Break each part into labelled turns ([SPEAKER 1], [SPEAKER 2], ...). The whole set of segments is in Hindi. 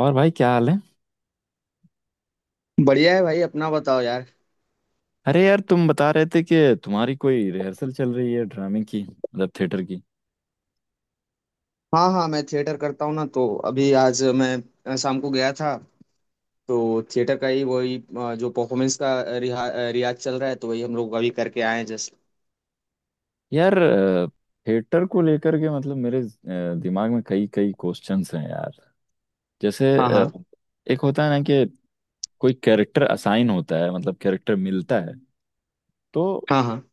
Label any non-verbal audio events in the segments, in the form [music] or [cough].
[SPEAKER 1] और भाई क्या हाल है।
[SPEAKER 2] बढ़िया है भाई। अपना बताओ यार।
[SPEAKER 1] अरे यार, तुम बता रहे थे कि तुम्हारी कोई रिहर्सल चल रही है ड्रामे की, मतलब थिएटर की।
[SPEAKER 2] हाँ हाँ, मैं थिएटर करता हूँ ना। तो अभी आज मैं शाम को गया था। तो थिएटर का ही वही जो परफॉर्मेंस का रियाज चल रहा है। तो वही हम लोग अभी करके आए हैं जस्ट।
[SPEAKER 1] यार, थिएटर को लेकर के मतलब मेरे दिमाग में कई कई क्वेश्चंस हैं यार। जैसे
[SPEAKER 2] हाँ हाँ
[SPEAKER 1] एक होता है ना कि कोई कैरेक्टर असाइन होता है, मतलब कैरेक्टर मिलता है। तो
[SPEAKER 2] हाँ हाँ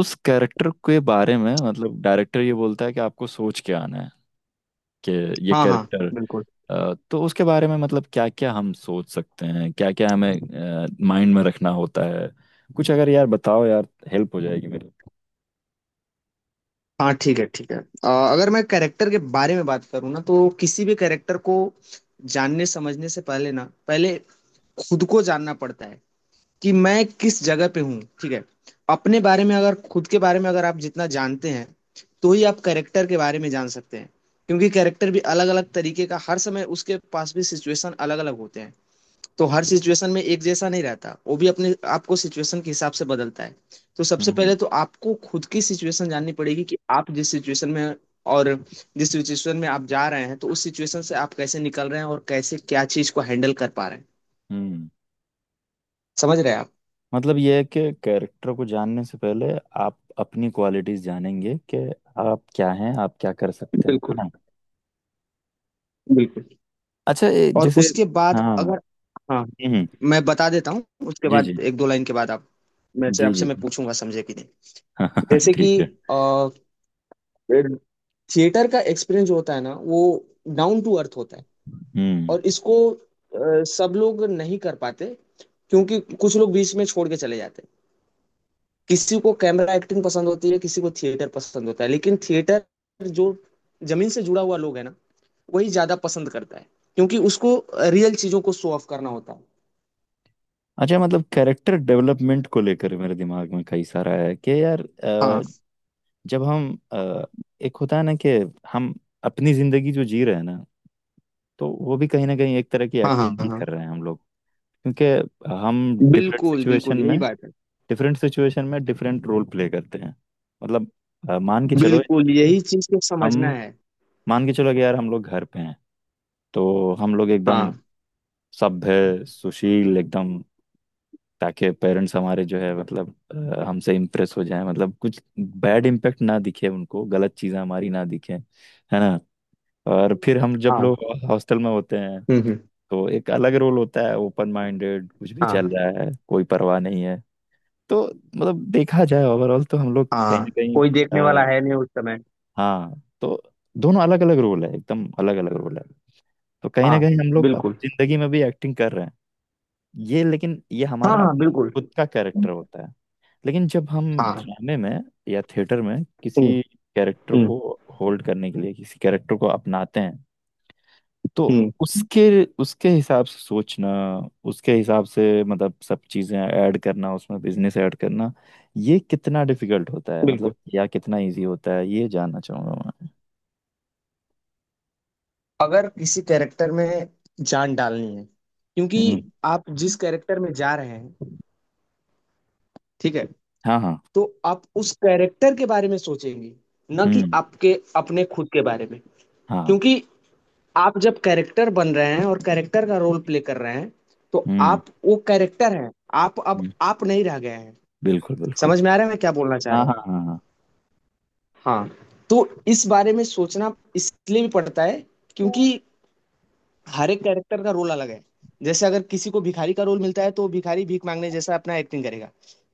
[SPEAKER 1] उस कैरेक्टर के बारे में मतलब डायरेक्टर ये बोलता है कि आपको सोच के आना है कि ये
[SPEAKER 2] हाँ हाँ,
[SPEAKER 1] कैरेक्टर
[SPEAKER 2] बिल्कुल।
[SPEAKER 1] तो उसके बारे में मतलब क्या क्या हम सोच सकते हैं, क्या क्या हमें माइंड में रखना होता है। कुछ अगर यार बताओ यार, हेल्प हो जाएगी मेरी।
[SPEAKER 2] हाँ ठीक है ठीक है। अगर मैं कैरेक्टर के बारे में बात करूँ ना, तो किसी भी कैरेक्टर को जानने समझने से पहले ना, पहले खुद को जानना पड़ता है। कि मैं किस जगह पे हूँ, ठीक है। अपने बारे में अगर, खुद के बारे में अगर आप जितना जानते हैं, तो ही आप कैरेक्टर के बारे में जान सकते हैं। क्योंकि कैरेक्टर भी अलग अलग तरीके का, हर समय उसके पास भी सिचुएशन अलग अलग होते हैं। तो हर सिचुएशन में एक जैसा नहीं रहता, वो भी अपने आपको सिचुएशन के हिसाब से बदलता है। तो सबसे
[SPEAKER 1] हम्म।
[SPEAKER 2] पहले तो आपको खुद की सिचुएशन जाननी पड़ेगी, कि आप जिस सिचुएशन में हैं और जिस सिचुएशन में आप जा रहे हैं, तो उस सिचुएशन से आप कैसे निकल रहे हैं और कैसे, क्या चीज को हैंडल कर पा रहे हैं।
[SPEAKER 1] हम्म।
[SPEAKER 2] समझ रहे हैं आप।
[SPEAKER 1] मतलब ये है कि कैरेक्टर को जानने से पहले आप अपनी क्वालिटीज जानेंगे कि आप क्या हैं, आप क्या कर सकते हैं, है
[SPEAKER 2] बिल्कुल
[SPEAKER 1] ना।
[SPEAKER 2] बिल्कुल।
[SPEAKER 1] अच्छा,
[SPEAKER 2] और
[SPEAKER 1] जैसे।
[SPEAKER 2] उसके बाद
[SPEAKER 1] हाँ।
[SPEAKER 2] अगर, हाँ,
[SPEAKER 1] हम्म।
[SPEAKER 2] मैं बता देता हूँ। उसके
[SPEAKER 1] जी
[SPEAKER 2] बाद
[SPEAKER 1] जी
[SPEAKER 2] एक दो लाइन के बाद आप, मैं से
[SPEAKER 1] जी
[SPEAKER 2] आपसे
[SPEAKER 1] जी
[SPEAKER 2] मैं
[SPEAKER 1] जी,
[SPEAKER 2] पूछूंगा, समझे कि नहीं।
[SPEAKER 1] [laughs] हाँ
[SPEAKER 2] जैसे कि
[SPEAKER 1] ठीक है।
[SPEAKER 2] अ, थिएटर का एक्सपीरियंस जो होता है ना, वो डाउन टू अर्थ होता है।
[SPEAKER 1] हम्म।
[SPEAKER 2] और इसको सब लोग नहीं कर पाते। क्योंकि कुछ लोग बीच में छोड़ के चले जाते हैं। किसी को कैमरा एक्टिंग पसंद होती है, किसी को थिएटर पसंद होता है। लेकिन थिएटर जो, जमीन से जुड़ा हुआ लोग है ना, वही ज्यादा पसंद करता है। क्योंकि उसको रियल चीजों को शो ऑफ करना होता है।
[SPEAKER 1] अच्छा, मतलब कैरेक्टर डेवलपमेंट को लेकर मेरे दिमाग में कई सारा है कि यार
[SPEAKER 2] हाँ
[SPEAKER 1] जब हम एक होता है ना कि हम अपनी जिंदगी जो जी रहे हैं ना, तो वो भी कहीं ना कहीं एक तरह की
[SPEAKER 2] हाँ हाँ
[SPEAKER 1] एक्टिंग ही
[SPEAKER 2] हाँ,
[SPEAKER 1] कर रहे हैं हम लोग। क्योंकि हम डिफरेंट
[SPEAKER 2] बिल्कुल,
[SPEAKER 1] सिचुएशन
[SPEAKER 2] बिल्कुल, यही
[SPEAKER 1] में
[SPEAKER 2] बात है।
[SPEAKER 1] डिफरेंट सिचुएशन में डिफरेंट रोल प्ले करते हैं। मतलब अ, मान के चलो
[SPEAKER 2] बिल्कुल, यही चीज़ को
[SPEAKER 1] हम
[SPEAKER 2] समझना है।
[SPEAKER 1] मान के चलो कि यार हम लोग घर पे हैं। तो हम लोग
[SPEAKER 2] हाँ,
[SPEAKER 1] एकदम सभ्य सुशील, एकदम ताकि पेरेंट्स हमारे जो है मतलब हमसे इम्प्रेस हो जाए, मतलब कुछ बैड इम्पैक्ट ना दिखे उनको, गलत चीज़ें हमारी ना दिखे, है ना। और फिर हम जब
[SPEAKER 2] हाँ।
[SPEAKER 1] लोग हॉस्टल में होते हैं,
[SPEAKER 2] हुँ, हुँ।
[SPEAKER 1] तो एक अलग रोल होता है, ओपन माइंडेड, कुछ भी
[SPEAKER 2] हाँ,
[SPEAKER 1] चल रहा है, कोई परवाह नहीं है। तो मतलब देखा जाए ओवरऑल, तो हम लोग कहीं ना
[SPEAKER 2] हाँ।
[SPEAKER 1] कहीं
[SPEAKER 2] कोई देखने वाला
[SPEAKER 1] अ,
[SPEAKER 2] है नहीं उस समय।
[SPEAKER 1] हाँ, तो दोनों अलग अलग रोल है, एकदम अलग अलग रोल है। तो कहीं ना
[SPEAKER 2] हाँ,
[SPEAKER 1] कहीं हम लोग
[SPEAKER 2] बिल्कुल।
[SPEAKER 1] अपनी जिंदगी में भी एक्टिंग कर रहे हैं। ये लेकिन ये
[SPEAKER 2] हाँ,
[SPEAKER 1] हमारा
[SPEAKER 2] हाँ,
[SPEAKER 1] अपना
[SPEAKER 2] बिल्कुल।
[SPEAKER 1] खुद का कैरेक्टर होता है। लेकिन जब हम
[SPEAKER 2] हाँ,
[SPEAKER 1] ड्रामे में या थिएटर में
[SPEAKER 2] हुँ,
[SPEAKER 1] किसी कैरेक्टर
[SPEAKER 2] हुँ,
[SPEAKER 1] को होल्ड करने के लिए किसी कैरेक्टर को अपनाते हैं, तो
[SPEAKER 2] हुँ,
[SPEAKER 1] उसके उसके हिसाब से सोचना, उसके हिसाब से मतलब सब चीज़ें ऐड करना, उसमें बिजनेस ऐड करना, ये कितना डिफिकल्ट होता है मतलब
[SPEAKER 2] बिल्कुल।
[SPEAKER 1] या कितना इजी होता है, ये जानना चाहूंगा मैं।
[SPEAKER 2] अगर किसी कैरेक्टर में जान डालनी है,
[SPEAKER 1] हम्म।
[SPEAKER 2] क्योंकि आप जिस कैरेक्टर में जा रहे हैं, ठीक है?
[SPEAKER 1] हाँ हाँ।
[SPEAKER 2] तो आप उस कैरेक्टर के बारे में सोचेंगे, ना कि
[SPEAKER 1] हम्म।
[SPEAKER 2] आपके अपने खुद के बारे में।
[SPEAKER 1] हाँ।
[SPEAKER 2] क्योंकि आप जब कैरेक्टर बन रहे हैं और कैरेक्टर का रोल प्ले कर रहे हैं, तो
[SPEAKER 1] हम्म।
[SPEAKER 2] आप वो कैरेक्टर हैं, आप, अब
[SPEAKER 1] हम्म,
[SPEAKER 2] आप नहीं रह गए हैं।
[SPEAKER 1] बिल्कुल बिल्कुल।
[SPEAKER 2] समझ में आ रहा है मैं क्या बोलना चाह
[SPEAKER 1] हाँ
[SPEAKER 2] रहा
[SPEAKER 1] हाँ
[SPEAKER 2] हूँ।
[SPEAKER 1] हाँ हाँ।
[SPEAKER 2] हाँ, तो इस बारे में सोचना इसलिए भी पड़ता है, क्योंकि हर एक कैरेक्टर का रोल अलग है। जैसे अगर किसी को भिखारी का रोल मिलता है, तो वो भिखारी भीख मांगने जैसा अपना एक्टिंग करेगा।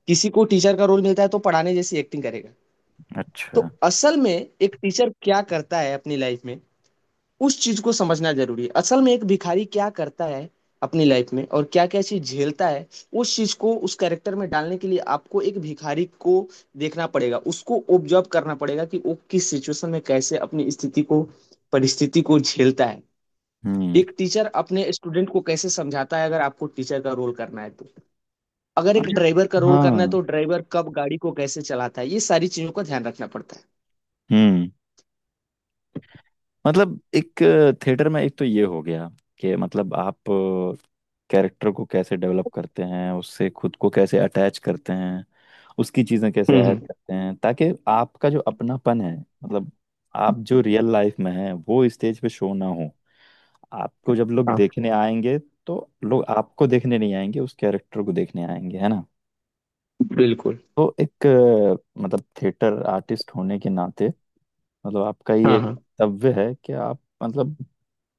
[SPEAKER 2] किसी को टीचर का रोल मिलता है तो पढ़ाने जैसी एक्टिंग करेगा। तो
[SPEAKER 1] अच्छा।
[SPEAKER 2] असल में एक टीचर क्या करता है अपनी लाइफ में, उस चीज को समझना जरूरी है। असल में एक भिखारी क्या करता है अपनी लाइफ में और क्या क्या चीज झेलता है, उस चीज को उस कैरेक्टर में डालने के लिए आपको एक भिखारी को देखना पड़ेगा, उसको ऑब्जर्व करना पड़ेगा, कि वो किस सिचुएशन में कैसे अपनी स्थिति को, परिस्थिति को झेलता है।
[SPEAKER 1] हम्म।
[SPEAKER 2] एक टीचर अपने स्टूडेंट को कैसे समझाता है, अगर आपको टीचर का रोल करना है तो। अगर एक
[SPEAKER 1] अच्छा।
[SPEAKER 2] ड्राइवर का
[SPEAKER 1] हाँ।
[SPEAKER 2] रोल करना है तो ड्राइवर कब गाड़ी को कैसे चलाता है, ये सारी चीजों का ध्यान रखना पड़ता है।
[SPEAKER 1] हम्म। मतलब एक थिएटर में एक तो ये हो गया कि मतलब आप कैरेक्टर को कैसे डेवलप करते हैं, उससे खुद को कैसे अटैच करते हैं, उसकी चीज़ें कैसे ऐड
[SPEAKER 2] हम्म,
[SPEAKER 1] करते हैं, ताकि आपका जो अपनापन है, मतलब आप जो रियल लाइफ में हैं, वो स्टेज पे शो ना हो। आपको जब लोग
[SPEAKER 2] हाँ,
[SPEAKER 1] देखने आएंगे, तो लोग आपको देखने नहीं आएंगे, उस कैरेक्टर को देखने आएंगे, है ना।
[SPEAKER 2] बिल्कुल।
[SPEAKER 1] तो एक मतलब थिएटर आर्टिस्ट होने के नाते मतलब आपका ये
[SPEAKER 2] हाँ
[SPEAKER 1] एक
[SPEAKER 2] हाँ
[SPEAKER 1] कर्तव्य है कि आप मतलब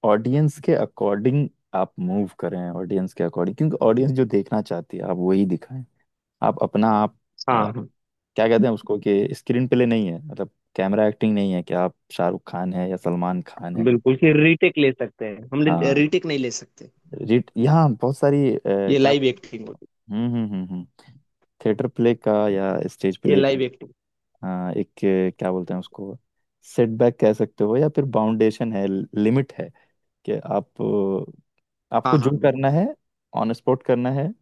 [SPEAKER 1] ऑडियंस के अकॉर्डिंग आप मूव करें, ऑडियंस के अकॉर्डिंग, क्योंकि ऑडियंस जो देखना चाहती है आप वही दिखाएं। आप अपना आप
[SPEAKER 2] हाँ
[SPEAKER 1] अ,
[SPEAKER 2] हाँ,
[SPEAKER 1] क्या कहते हैं उसको कि स्क्रीन प्ले नहीं है, मतलब कैमरा एक्टिंग नहीं है कि आप शाहरुख खान है या सलमान खान है।
[SPEAKER 2] बिल्कुल। फिर रीटेक ले सकते हैं हम?
[SPEAKER 1] हाँ।
[SPEAKER 2] रीटेक नहीं ले सकते।
[SPEAKER 1] रिट यहाँ बहुत सारी
[SPEAKER 2] ये
[SPEAKER 1] क्या
[SPEAKER 2] लाइव
[SPEAKER 1] बोलते हैं
[SPEAKER 2] एक्टिंग
[SPEAKER 1] उसको?
[SPEAKER 2] होती
[SPEAKER 1] हम्म। थिएटर प्ले का या स्टेज
[SPEAKER 2] है, ये
[SPEAKER 1] प्ले का।
[SPEAKER 2] Live acting.
[SPEAKER 1] हाँ, एक क्या बोलते हैं उसको, सेटबैक कह सकते हो या फिर बाउंडेशन है, लिमिट है कि आप आपको
[SPEAKER 2] हाँ
[SPEAKER 1] जो
[SPEAKER 2] हाँ, बिल्कुल।
[SPEAKER 1] करना है ऑन स्पॉट करना है,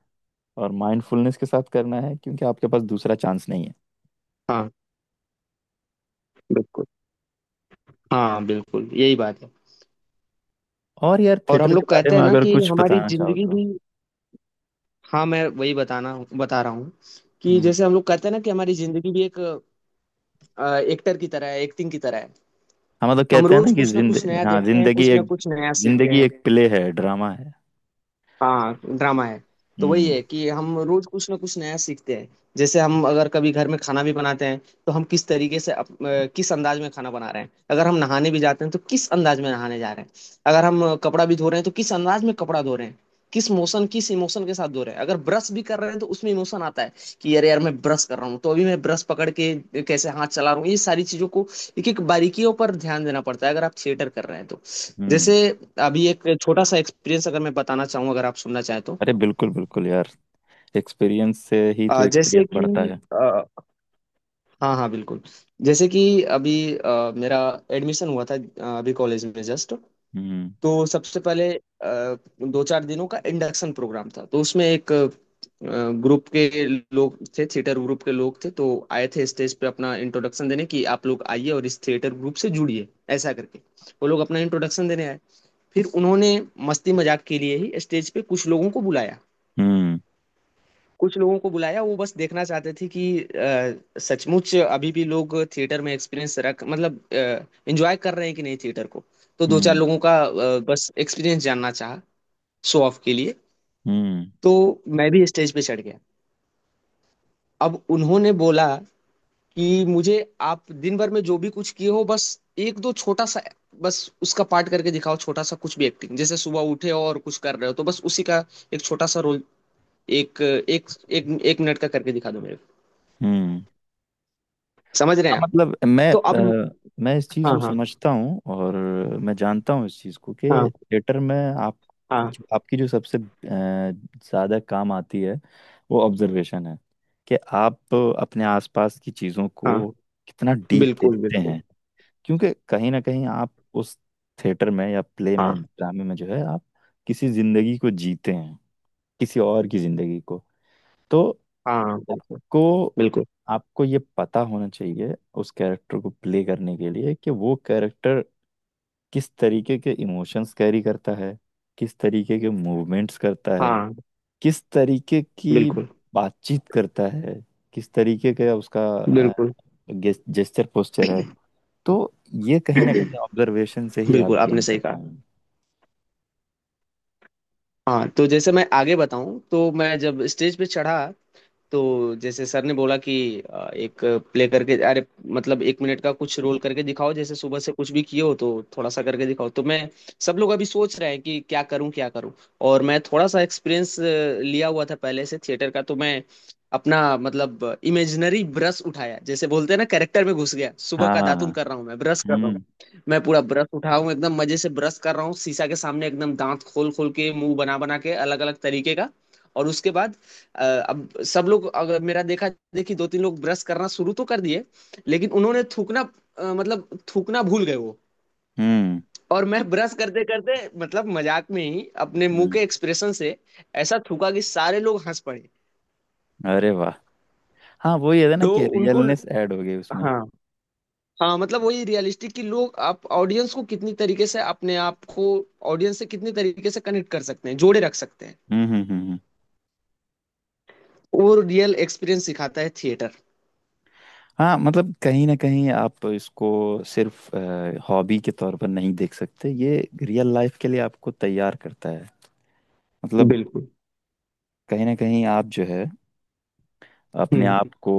[SPEAKER 1] और माइंडफुलनेस के साथ करना है, क्योंकि आपके पास दूसरा चांस नहीं है।
[SPEAKER 2] हाँ, बिल्कुल। हाँ, बिल्कुल, यही बात है।
[SPEAKER 1] और यार
[SPEAKER 2] और
[SPEAKER 1] थिएटर
[SPEAKER 2] हम
[SPEAKER 1] के
[SPEAKER 2] लोग
[SPEAKER 1] बारे
[SPEAKER 2] कहते
[SPEAKER 1] में
[SPEAKER 2] हैं ना
[SPEAKER 1] अगर
[SPEAKER 2] कि
[SPEAKER 1] कुछ
[SPEAKER 2] हमारी
[SPEAKER 1] बताना चाहो
[SPEAKER 2] जिंदगी
[SPEAKER 1] तो।
[SPEAKER 2] भी, हाँ, मैं वही बताना बता रहा हूँ। कि
[SPEAKER 1] हम्म।
[SPEAKER 2] जैसे हम लोग कहते हैं ना कि हमारी जिंदगी भी एक एक्टर की तरह है, एक्टिंग की तरह है।
[SPEAKER 1] हम तो
[SPEAKER 2] हम
[SPEAKER 1] कहते हैं ना
[SPEAKER 2] रोज
[SPEAKER 1] कि
[SPEAKER 2] कुछ ना
[SPEAKER 1] जिंद
[SPEAKER 2] कुछ नया
[SPEAKER 1] हाँ,
[SPEAKER 2] देखते हैं,
[SPEAKER 1] जिंदगी
[SPEAKER 2] कुछ ना
[SPEAKER 1] एक
[SPEAKER 2] कुछ नया सीखते
[SPEAKER 1] जिंदगी
[SPEAKER 2] हैं।
[SPEAKER 1] एक प्ले है, ड्रामा है।
[SPEAKER 2] हाँ, ड्रामा है। तो वही
[SPEAKER 1] हम्म।
[SPEAKER 2] है कि हम रोज कुछ ना कुछ नया सीखते हैं। जैसे हम अगर कभी घर में खाना भी बनाते हैं, तो हम किस तरीके से, किस अंदाज में खाना बना रहे हैं। अगर हम नहाने भी जाते हैं, तो किस अंदाज में नहाने जा रहे हैं। अगर हम कपड़ा भी धो रहे हैं, तो किस अंदाज में कपड़ा धो रहे हैं, किस मोशन, किस इमोशन के साथ धो रहे हैं। अगर ब्रश भी कर रहे हैं तो उसमें इमोशन आता है। कि यार यार, मैं ब्रश कर रहा हूँ, तो अभी मैं ब्रश पकड़ के कैसे हाथ चला रहा हूँ, ये सारी चीजों को, एक एक बारीकियों पर ध्यान देना पड़ता है अगर आप थिएटर कर रहे हैं तो। जैसे
[SPEAKER 1] हम्म।
[SPEAKER 2] अभी एक छोटा सा एक्सपीरियंस अगर मैं बताना चाहूँ, अगर आप सुनना चाहें तो।
[SPEAKER 1] अरे बिल्कुल बिल्कुल यार, एक्सपीरियंस से ही तो
[SPEAKER 2] जैसे
[SPEAKER 1] एक्सपीरियंस
[SPEAKER 2] कि
[SPEAKER 1] बढ़ता है।
[SPEAKER 2] अ, हाँ हाँ बिल्कुल। जैसे कि अभी मेरा एडमिशन हुआ था, अभी कॉलेज में जस्ट।
[SPEAKER 1] हम्म
[SPEAKER 2] तो सबसे पहले दो चार दिनों का इंडक्शन प्रोग्राम था। तो उसमें एक ग्रुप के लोग थे, थिएटर ग्रुप के लोग थे। तो आए थे स्टेज पे अपना इंट्रोडक्शन देने, कि आप लोग आइए और इस थिएटर ग्रुप से जुड़िए, ऐसा करके। वो लोग अपना इंट्रोडक्शन देने आए। फिर उन्होंने मस्ती मजाक के लिए ही स्टेज पे कुछ लोगों को बुलाया।
[SPEAKER 1] हम्म
[SPEAKER 2] कुछ लोगों को बुलाया, वो बस देखना चाहते थे कि सचमुच अभी भी लोग थिएटर में एक्सपीरियंस रख, मतलब एंजॉय कर रहे हैं कि नहीं थिएटर को। तो दो चार
[SPEAKER 1] हम्म
[SPEAKER 2] लोगों का बस एक्सपीरियंस जानना चाहा, शो ऑफ के लिए।
[SPEAKER 1] हम्म
[SPEAKER 2] तो मैं भी स्टेज पे चढ़ गया। अब उन्होंने बोला कि मुझे, आप दिन भर में जो भी कुछ किए हो, बस एक दो छोटा सा, बस उसका पार्ट करके दिखाओ, छोटा सा कुछ भी एक्टिंग। जैसे सुबह उठे हो और कुछ कर रहे हो, तो बस उसी का एक छोटा सा रोल, एक एक मिनट का करके दिखा दो मेरे
[SPEAKER 1] हम्म।
[SPEAKER 2] को। समझ रहे
[SPEAKER 1] हाँ,
[SPEAKER 2] हैं आप।
[SPEAKER 1] मतलब
[SPEAKER 2] तो अब,
[SPEAKER 1] अ, मैं इस चीज़
[SPEAKER 2] हाँ
[SPEAKER 1] को
[SPEAKER 2] हाँ
[SPEAKER 1] समझता हूँ, और मैं जानता हूँ इस चीज़ को कि
[SPEAKER 2] हाँ
[SPEAKER 1] थिएटर में आप
[SPEAKER 2] हाँ,
[SPEAKER 1] आपकी जो सबसे ज़्यादा काम आती है वो ऑब्जर्वेशन है, कि आप अपने आसपास की चीज़ों
[SPEAKER 2] हाँ
[SPEAKER 1] को कितना डीप
[SPEAKER 2] बिल्कुल
[SPEAKER 1] देखते
[SPEAKER 2] बिल्कुल,
[SPEAKER 1] हैं। क्योंकि कहीं ना कहीं आप उस थिएटर में या प्ले
[SPEAKER 2] हाँ
[SPEAKER 1] में ड्रामे में जो है, आप किसी ज़िंदगी को जीते हैं, किसी और की ज़िंदगी को। तो
[SPEAKER 2] हाँ, बिल्कुल
[SPEAKER 1] आपको
[SPEAKER 2] बिल्कुल,
[SPEAKER 1] आपको ये पता होना चाहिए उस कैरेक्टर को प्ले करने के लिए कि वो कैरेक्टर किस तरीके के इमोशंस कैरी करता है, किस तरीके के मूवमेंट्स करता है,
[SPEAKER 2] हाँ
[SPEAKER 1] किस तरीके की
[SPEAKER 2] बिल्कुल
[SPEAKER 1] बातचीत करता है, किस तरीके का उसका
[SPEAKER 2] बिल्कुल।
[SPEAKER 1] जेस्चर पोस्चर है। तो ये कहीं ना कहीं ऑब्जर्वेशन से
[SPEAKER 2] [clears throat]
[SPEAKER 1] ही आप
[SPEAKER 2] बिल्कुल, आपने
[SPEAKER 1] गेन
[SPEAKER 2] सही
[SPEAKER 1] कर
[SPEAKER 2] कहा।
[SPEAKER 1] पाएंगे।
[SPEAKER 2] हाँ, तो जैसे मैं आगे बताऊं, तो मैं जब स्टेज पे चढ़ा, तो जैसे सर ने बोला कि एक प्ले करके, अरे मतलब एक मिनट का कुछ रोल करके दिखाओ, जैसे सुबह से कुछ भी किए हो तो थोड़ा सा करके दिखाओ। तो मैं, सब लोग अभी सोच रहे हैं कि क्या करूं क्या करूं, और मैं थोड़ा सा एक्सपीरियंस लिया हुआ था पहले से थिएटर का। तो मैं अपना, मतलब इमेजिनरी ब्रश उठाया, जैसे बोलते हैं ना कैरेक्टर में घुस गया। सुबह
[SPEAKER 1] हाँ
[SPEAKER 2] का
[SPEAKER 1] हाँ हाँ।
[SPEAKER 2] दातुन कर रहा हूँ, मैं ब्रश कर रहा हूँ।
[SPEAKER 1] हम्म
[SPEAKER 2] मैं पूरा ब्रश उठाऊं, एकदम मजे से ब्रश कर रहा हूँ, शीशा के सामने एकदम दांत खोल खोल के, मुंह बना बना के अलग अलग तरीके का। और उसके बाद अ, अब सब लोग अगर मेरा देखा देखी, दो तीन लोग ब्रश करना शुरू तो कर दिए, लेकिन उन्होंने थूकना, मतलब थूकना भूल गए वो।
[SPEAKER 1] हम्म
[SPEAKER 2] और मैं ब्रश करते करते, मतलब मजाक में ही अपने मुंह के
[SPEAKER 1] हम्म।
[SPEAKER 2] एक्सप्रेशन से ऐसा थूका कि सारे लोग हंस पड़े।
[SPEAKER 1] अरे वाह। हाँ, वही है ना
[SPEAKER 2] तो
[SPEAKER 1] कि
[SPEAKER 2] उनको,
[SPEAKER 1] रियलनेस ऐड हो गई उसमें।
[SPEAKER 2] हाँ हाँ, मतलब वही रियलिस्टिक, कि लोग आप, ऑडियंस को कितनी तरीके से अपने आप को, ऑडियंस से कितनी तरीके से कनेक्ट कर सकते हैं, जोड़े रख सकते हैं।
[SPEAKER 1] हम्म हम्म हम्म हम्म।
[SPEAKER 2] वो रियल एक्सपीरियंस सिखाता है थिएटर।
[SPEAKER 1] हाँ, मतलब कहीं ना कहीं आप इसको सिर्फ हॉबी के तौर पर नहीं देख सकते, ये रियल लाइफ के लिए आपको तैयार करता है। मतलब
[SPEAKER 2] बिल्कुल,
[SPEAKER 1] कहीं ना कहीं आप जो है अपने
[SPEAKER 2] हम्म
[SPEAKER 1] आप को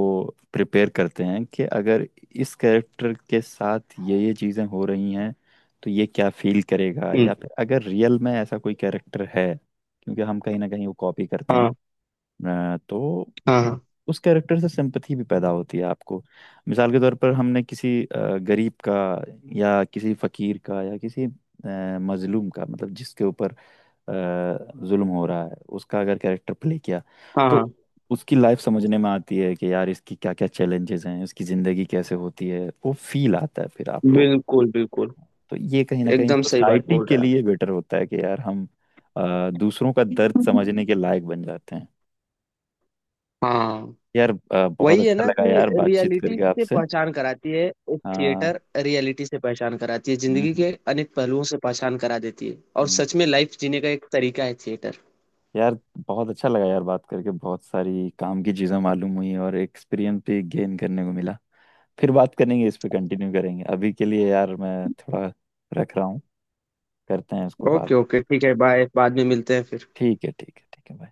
[SPEAKER 1] प्रिपेयर करते हैं कि अगर इस कैरेक्टर के साथ ये चीज़ें हो रही हैं, तो ये क्या फील करेगा,
[SPEAKER 2] हम्म,
[SPEAKER 1] या फिर अगर रियल में ऐसा कोई कैरेक्टर है, क्योंकि हम कहीं ना कहीं वो कॉपी करते
[SPEAKER 2] हाँ
[SPEAKER 1] हैं। तो उ-
[SPEAKER 2] हाँ
[SPEAKER 1] उस कैरेक्टर से सिंपथी भी पैदा होती है आपको। मिसाल के तौर पर हमने किसी गरीब का या किसी फकीर का या किसी मजलूम का, मतलब जिसके ऊपर जुल्म हो रहा है उसका, अगर कैरेक्टर प्ले किया,
[SPEAKER 2] हाँ
[SPEAKER 1] तो
[SPEAKER 2] हाँ,
[SPEAKER 1] उसकी लाइफ समझने में आती है कि यार इसकी क्या क्या चैलेंजेस हैं, इसकी ज़िंदगी कैसे होती है, वो फील आता है फिर आपको।
[SPEAKER 2] बिल्कुल बिल्कुल,
[SPEAKER 1] तो ये कहीं ना कहीं
[SPEAKER 2] एकदम सही बात
[SPEAKER 1] सोसाइटी
[SPEAKER 2] बोल
[SPEAKER 1] के
[SPEAKER 2] रहे हैं।
[SPEAKER 1] लिए बेटर होता है कि यार हम दूसरों का
[SPEAKER 2] हम्म।
[SPEAKER 1] दर्द
[SPEAKER 2] आप,
[SPEAKER 1] समझने के लायक बन जाते हैं।
[SPEAKER 2] हाँ,
[SPEAKER 1] यार बहुत
[SPEAKER 2] वही है
[SPEAKER 1] अच्छा
[SPEAKER 2] ना
[SPEAKER 1] लगा
[SPEAKER 2] कि
[SPEAKER 1] यार बातचीत
[SPEAKER 2] रियलिटी
[SPEAKER 1] करके
[SPEAKER 2] से
[SPEAKER 1] आपसे।
[SPEAKER 2] पहचान कराती है। एक
[SPEAKER 1] हाँ।
[SPEAKER 2] थिएटर रियलिटी से पहचान कराती है,
[SPEAKER 1] हम्म
[SPEAKER 2] जिंदगी के
[SPEAKER 1] हम्म,
[SPEAKER 2] अनेक पहलुओं से पहचान करा देती है, और
[SPEAKER 1] हम्म।
[SPEAKER 2] सच में लाइफ जीने का एक तरीका है थिएटर।
[SPEAKER 1] यार, बहुत अच्छा लगा यार बात करके, बहुत सारी काम की चीज़ें मालूम हुई और एक्सपीरियंस भी गेन करने को मिला। फिर बात करेंगे, इस पे कंटिन्यू करेंगे, अभी के लिए यार मैं थोड़ा रख रहा हूँ, करते हैं इसको बाद
[SPEAKER 2] ओके
[SPEAKER 1] में।
[SPEAKER 2] ओके, ठीक है, बाय, बाद में मिलते हैं फिर।
[SPEAKER 1] ठीक है, ठीक है, ठीक है भाई।